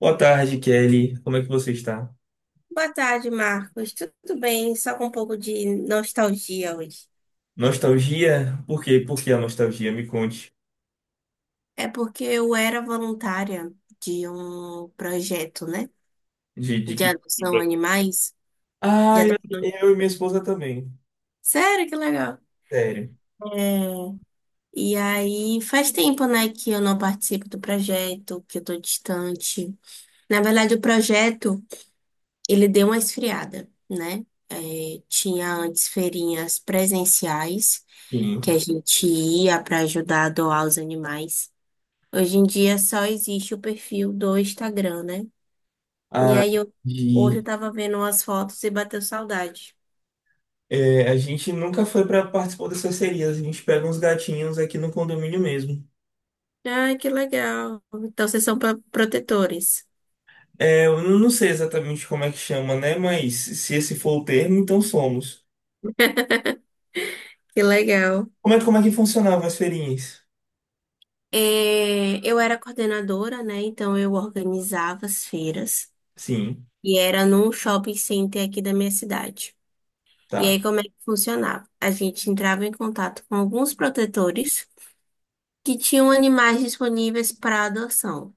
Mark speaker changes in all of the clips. Speaker 1: Boa tarde, Kelly. Como é que você está?
Speaker 2: Boa tarde, Marcos. Tudo bem? Só com um pouco de nostalgia hoje.
Speaker 1: Nostalgia? Por quê? Por que a nostalgia? Me conte.
Speaker 2: É porque eu era voluntária de um projeto, né?
Speaker 1: De
Speaker 2: De
Speaker 1: que tipo?
Speaker 2: adoção a animais. De
Speaker 1: Ah, eu,
Speaker 2: adoção...
Speaker 1: eu e minha esposa também.
Speaker 2: Sério, que legal.
Speaker 1: Sério.
Speaker 2: É, e aí faz tempo, né, que eu não participo do projeto, que eu tô distante. Na verdade, o projeto, ele deu uma esfriada, né? É, tinha antes feirinhas presenciais,
Speaker 1: Sim.
Speaker 2: que a gente ia para ajudar a doar os animais. Hoje em dia só existe o perfil do Instagram, né? E
Speaker 1: Ah,
Speaker 2: aí eu hoje eu
Speaker 1: de,
Speaker 2: tava vendo umas fotos e bateu saudade.
Speaker 1: é, a gente nunca foi para participar dessas serias. A gente pega uns gatinhos aqui no condomínio mesmo.
Speaker 2: Ai, que legal. Então vocês são protetores.
Speaker 1: É, eu não sei exatamente como é que chama, né? Mas se esse for o termo, então somos.
Speaker 2: Que legal.
Speaker 1: Como é que funcionavam as feirinhas?
Speaker 2: É, eu era coordenadora, né? Então eu organizava as feiras
Speaker 1: Sim,
Speaker 2: e era num shopping center aqui da minha cidade. E aí
Speaker 1: tá.
Speaker 2: como é que funcionava? A gente entrava em contato com alguns protetores que tinham animais disponíveis para adoção.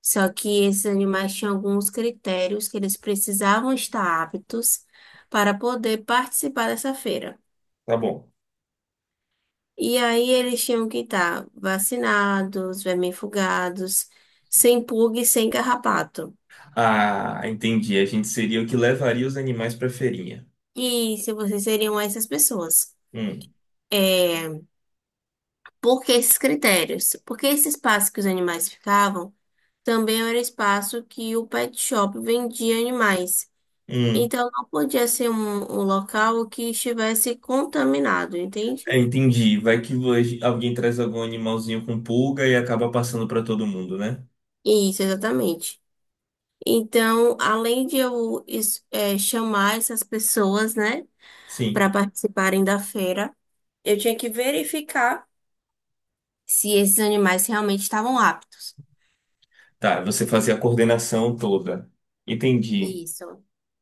Speaker 2: Só que esses animais tinham alguns critérios que eles precisavam estar aptos para poder participar dessa feira.
Speaker 1: Tá bom.
Speaker 2: E aí eles tinham que estar vacinados, vermifugados, sem pulga e sem carrapato.
Speaker 1: Ah, entendi. A gente seria o que levaria os animais pra feirinha.
Speaker 2: E se vocês seriam essas pessoas?
Speaker 1: Hum,
Speaker 2: É, por que esses critérios? Porque esse espaço que os animais ficavam também era espaço que o pet shop vendia animais.
Speaker 1: hum.
Speaker 2: Então não podia ser um local que estivesse contaminado, entende?
Speaker 1: É, entendi. Alguém traz algum animalzinho com pulga e acaba passando pra todo mundo, né?
Speaker 2: Isso, exatamente. Então, além de chamar essas pessoas, né, para
Speaker 1: Sim.
Speaker 2: participarem da feira, eu tinha que verificar se esses animais realmente estavam aptos.
Speaker 1: Tá, você fazia a coordenação toda. Entendi.
Speaker 2: Isso.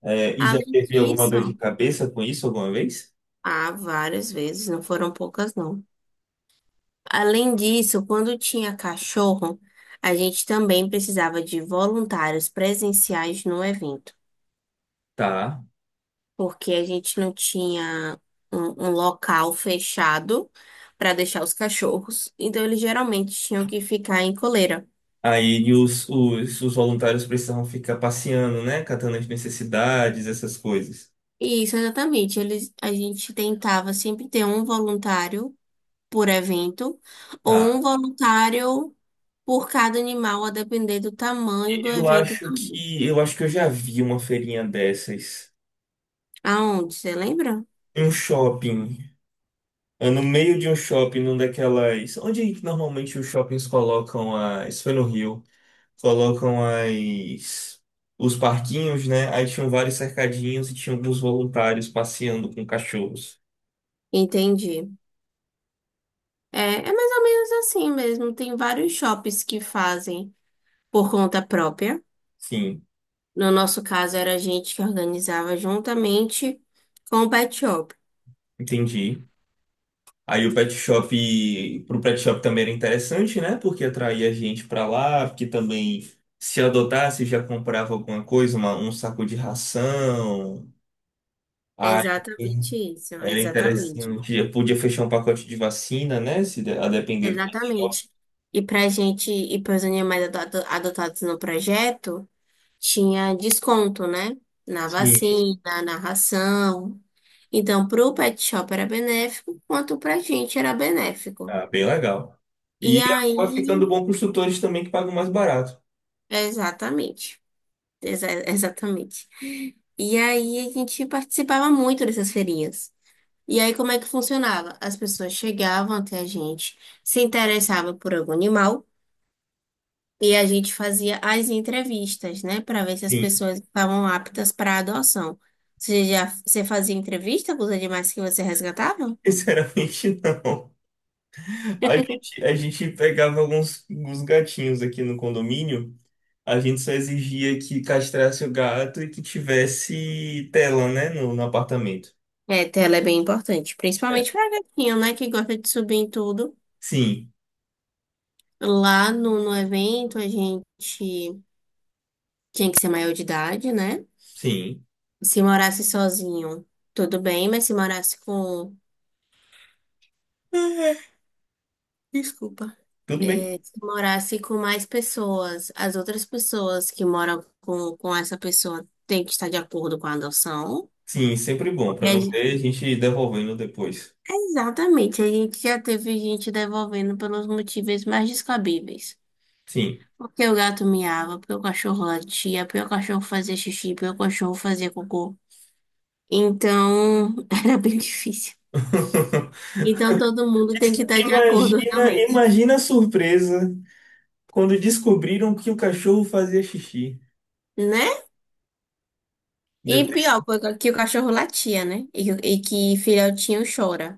Speaker 1: É, e já
Speaker 2: Além
Speaker 1: teve alguma
Speaker 2: disso,
Speaker 1: dor de cabeça com isso alguma vez?
Speaker 2: há várias vezes, não foram poucas, não. Além disso, quando tinha cachorro, a gente também precisava de voluntários presenciais no evento.
Speaker 1: Tá.
Speaker 2: Porque a gente não tinha um local fechado para deixar os cachorros, então eles geralmente tinham que ficar em coleira.
Speaker 1: Aí os voluntários precisavam ficar passeando, né? Catando as necessidades, essas coisas.
Speaker 2: E isso exatamente, eles, a gente tentava sempre ter um voluntário por evento ou um
Speaker 1: Tá.
Speaker 2: voluntário por cada animal, a depender do tamanho do
Speaker 1: E Eu
Speaker 2: evento
Speaker 1: acho
Speaker 2: também.
Speaker 1: que eu acho que eu já vi uma feirinha dessas.
Speaker 2: Aonde, você lembra?
Speaker 1: Um shopping, ah, no meio de um shopping, num daquelas. Onde que normalmente os shoppings colocam as. Isso foi no Rio. Colocam as. Os parquinhos, né? Aí tinham vários cercadinhos e tinha alguns voluntários passeando com cachorros.
Speaker 2: Entendi. É, é mais ou menos assim mesmo. Tem vários shoppings que fazem por conta própria.
Speaker 1: Sim,
Speaker 2: No nosso caso, era a gente que organizava juntamente com o Pet Shop.
Speaker 1: entendi. Aí o pet shop, pro pet shop também era interessante, né? Porque atraía gente pra lá, porque também se adotasse já comprava alguma coisa, um saco de ração.
Speaker 2: É,
Speaker 1: Aí
Speaker 2: exatamente isso, é
Speaker 1: era
Speaker 2: exatamente.
Speaker 1: interessante. Eu podia fechar um pacote de vacina, né? Se de- a depender do material.
Speaker 2: Exatamente. E para gente, e para os animais adotados no projeto, tinha desconto, né? Na
Speaker 1: Sim.
Speaker 2: vacina, na ração. Então, para o Pet Shop era benéfico, quanto para a gente era benéfico.
Speaker 1: Ah, bem legal.
Speaker 2: E
Speaker 1: E
Speaker 2: aí,
Speaker 1: acaba ficando bom para os tutores também que pagam mais barato.
Speaker 2: exatamente. Exatamente. E aí, a gente participava muito dessas feirinhas. E aí, como é que funcionava? As pessoas chegavam até a gente, se interessavam por algum animal, e a gente fazia as entrevistas, né, para ver se as
Speaker 1: Sim.
Speaker 2: pessoas estavam aptas para adoção. Você fazia entrevista com os animais que você resgatava?
Speaker 1: Sinceramente, não. A gente pegava alguns gatinhos aqui no condomínio. A gente só exigia que castrasse o gato e que tivesse tela, né? No apartamento.
Speaker 2: É, tela é bem importante,
Speaker 1: É.
Speaker 2: principalmente para gatinho, né, que gosta de subir em tudo.
Speaker 1: Sim,
Speaker 2: Lá no evento, a gente tinha que ser maior de idade, né?
Speaker 1: sim.
Speaker 2: Se morasse sozinho, tudo bem, mas se morasse com. Desculpa.
Speaker 1: Tudo bem.
Speaker 2: Se morasse com mais pessoas, as outras pessoas que moram com essa pessoa têm que estar de acordo com a adoção.
Speaker 1: Sim, sempre bom.
Speaker 2: Porque
Speaker 1: Para
Speaker 2: a
Speaker 1: não
Speaker 2: gente-
Speaker 1: ter gente devolvendo depois.
Speaker 2: exatamente, a gente já teve gente devolvendo pelos motivos mais descabíveis.
Speaker 1: Sim.
Speaker 2: Porque o gato miava, porque o cachorro latia, porque o cachorro fazia xixi, porque o cachorro fazia cocô. Então, era bem difícil. Então, todo mundo
Speaker 1: É
Speaker 2: tem que
Speaker 1: que
Speaker 2: estar de acordo,
Speaker 1: Imagina,
Speaker 2: realmente.
Speaker 1: imagina a surpresa quando descobriram que o cachorro fazia xixi.
Speaker 2: Né? E
Speaker 1: Depois-
Speaker 2: pior, porque que o cachorro latia, né? E que filhotinho chora.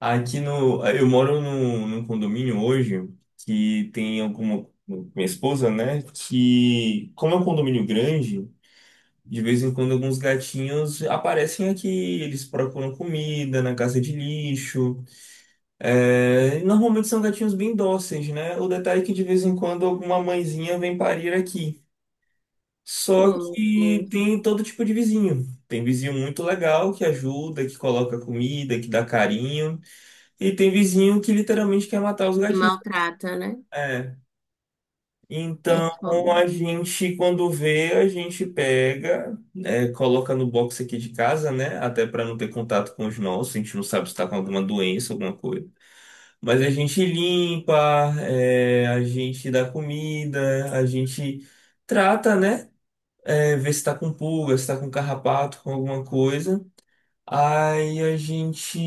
Speaker 1: Aqui no, eu moro num condomínio hoje que tem alguma, minha esposa, né? Que, como é um condomínio grande, de vez em quando alguns gatinhos aparecem aqui, eles procuram comida na casa de lixo. É, normalmente são gatinhos bem dóceis, né? O detalhe é que de vez em quando alguma mãezinha vem parir aqui. Só
Speaker 2: Oh, meu
Speaker 1: que
Speaker 2: Deus.
Speaker 1: tem todo tipo de vizinho. Tem vizinho muito legal que ajuda, que coloca comida, que dá carinho. E tem vizinho que literalmente quer matar os
Speaker 2: E
Speaker 1: gatinhos.
Speaker 2: maltrata, né?
Speaker 1: É.
Speaker 2: É
Speaker 1: Então
Speaker 2: foda.
Speaker 1: a gente, quando vê, a gente pega, é, coloca no box aqui de casa, né? Até para não ter contato com os nossos. A gente não sabe se está com alguma doença, alguma coisa. Mas a gente limpa, é, a gente dá comida, a gente trata, né? É, ver se tá com pulga, se tá com carrapato, com alguma coisa. Aí a gente,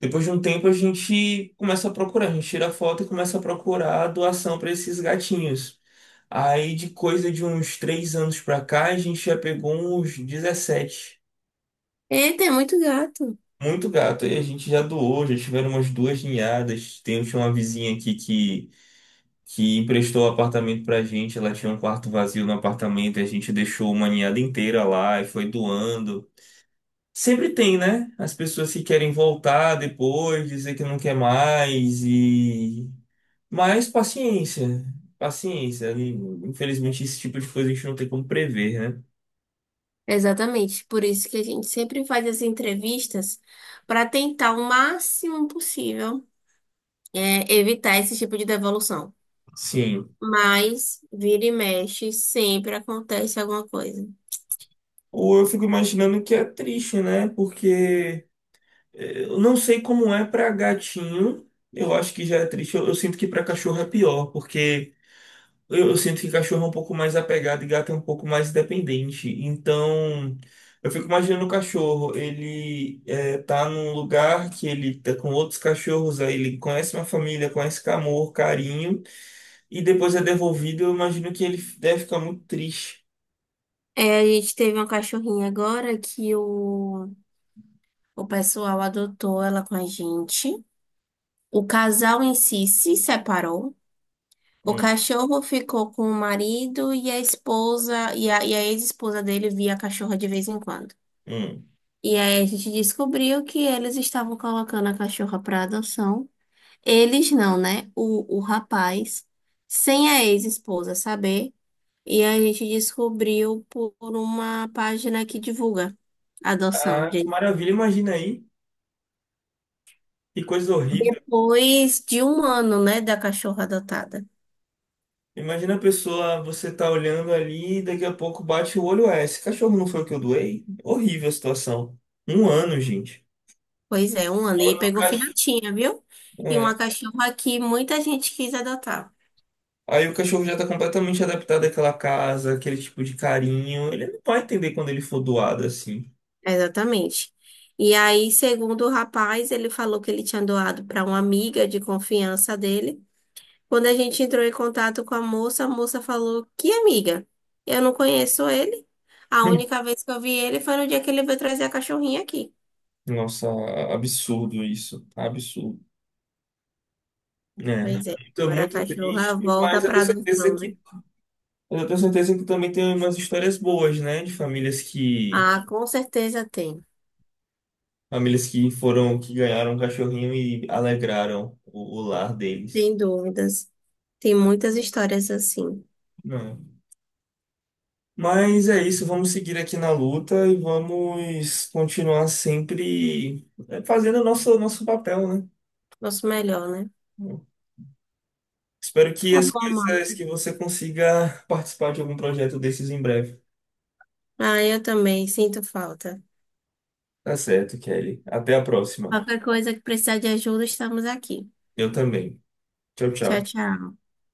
Speaker 1: depois de um tempo, a gente começa a procurar, a gente tira a foto e começa a procurar a doação para esses gatinhos. Aí de coisa de uns 3 anos pra cá, a gente já pegou uns 17.
Speaker 2: Eita, é muito gato.
Speaker 1: Muito gato. Aí a gente já doou, já tiveram umas duas ninhadas. Tinha uma vizinha aqui que emprestou o apartamento pra gente. Ela tinha um quarto vazio no apartamento, e a gente deixou uma ninhada inteira lá e foi doando. Sempre tem, né? As pessoas que querem voltar depois, dizer que não quer mais e. Mas paciência. E, infelizmente, esse tipo de coisa a gente não tem como prever, né?
Speaker 2: Exatamente. Por isso que a gente sempre faz as entrevistas para tentar o máximo possível evitar esse tipo de devolução.
Speaker 1: Sim.
Speaker 2: Mas, vira e mexe, sempre acontece alguma coisa.
Speaker 1: Ou eu fico imaginando que é triste, né? Porque eh, eu não sei como é pra gatinho. Eu acho que já é triste. Eu sinto que pra cachorro é pior, porque eu sinto que cachorro é um pouco mais apegado e gato é um pouco mais dependente. Então, eu fico imaginando o cachorro, ele é, tá num lugar que ele tá com outros cachorros, aí ele conhece uma família, conhece com amor, carinho, e depois é devolvido, eu imagino que ele deve ficar muito triste.
Speaker 2: É, a gente teve uma cachorrinha agora que o pessoal adotou ela com a gente. O casal em si se separou. O
Speaker 1: Hum,
Speaker 2: cachorro ficou com o marido e a esposa, e a ex-esposa dele via a cachorra de vez em quando.
Speaker 1: hum.
Speaker 2: E aí a gente descobriu que eles estavam colocando a cachorra para adoção. Eles não, né? O rapaz, sem a ex-esposa saber. E a gente descobriu por uma página que divulga a adoção.
Speaker 1: Ah, que
Speaker 2: De,
Speaker 1: maravilha, imagina aí, que coisa horrível.
Speaker 2: depois de 1 ano, né, da cachorra adotada.
Speaker 1: Imagina a pessoa, você tá olhando ali e daqui a pouco bate o olho, é, esse cachorro não foi o que eu doei? Horrível a situação. Um ano, gente.
Speaker 2: Pois é, 1 ano. E
Speaker 1: Quando o
Speaker 2: pegou
Speaker 1: cachorro.
Speaker 2: filhotinha, viu? E uma
Speaker 1: É.
Speaker 2: cachorra que muita gente quis adotar.
Speaker 1: Aí o cachorro já tá completamente adaptado àquela casa, aquele tipo de carinho. Ele não vai entender quando ele for doado assim.
Speaker 2: Exatamente. E aí, segundo o rapaz, ele falou que ele tinha doado para uma amiga de confiança dele. Quando a gente entrou em contato com a moça falou: que amiga? Eu não conheço ele. A única vez que eu vi ele foi no dia que ele veio trazer a cachorrinha aqui.
Speaker 1: Hum. Nossa, absurdo isso. Absurdo. Né?
Speaker 2: Pois
Speaker 1: Então,
Speaker 2: é,
Speaker 1: é. Tô
Speaker 2: agora a
Speaker 1: muito
Speaker 2: cachorra
Speaker 1: triste,
Speaker 2: volta
Speaker 1: mas
Speaker 2: para adoção, né?
Speaker 1: eu tenho certeza que também tem umas histórias boas, né? De
Speaker 2: Ah, com certeza tem.
Speaker 1: famílias que foram que ganharam um cachorrinho e alegraram o lar deles.
Speaker 2: Sem dúvidas. Tem muitas histórias assim.
Speaker 1: Não. Mas é isso, vamos seguir aqui na luta e vamos continuar sempre fazendo o nosso papel, né?
Speaker 2: Nosso melhor, né?
Speaker 1: Espero que
Speaker 2: Tá
Speaker 1: as
Speaker 2: bom, Mar.
Speaker 1: coisas que você consiga participar de algum projeto desses em breve.
Speaker 2: Ah, eu também sinto falta.
Speaker 1: Tá certo, Kelly. Até a próxima.
Speaker 2: Qualquer coisa que precisar de ajuda, estamos aqui.
Speaker 1: Eu também. Tchau,
Speaker 2: Tchau,
Speaker 1: tchau.
Speaker 2: tchau.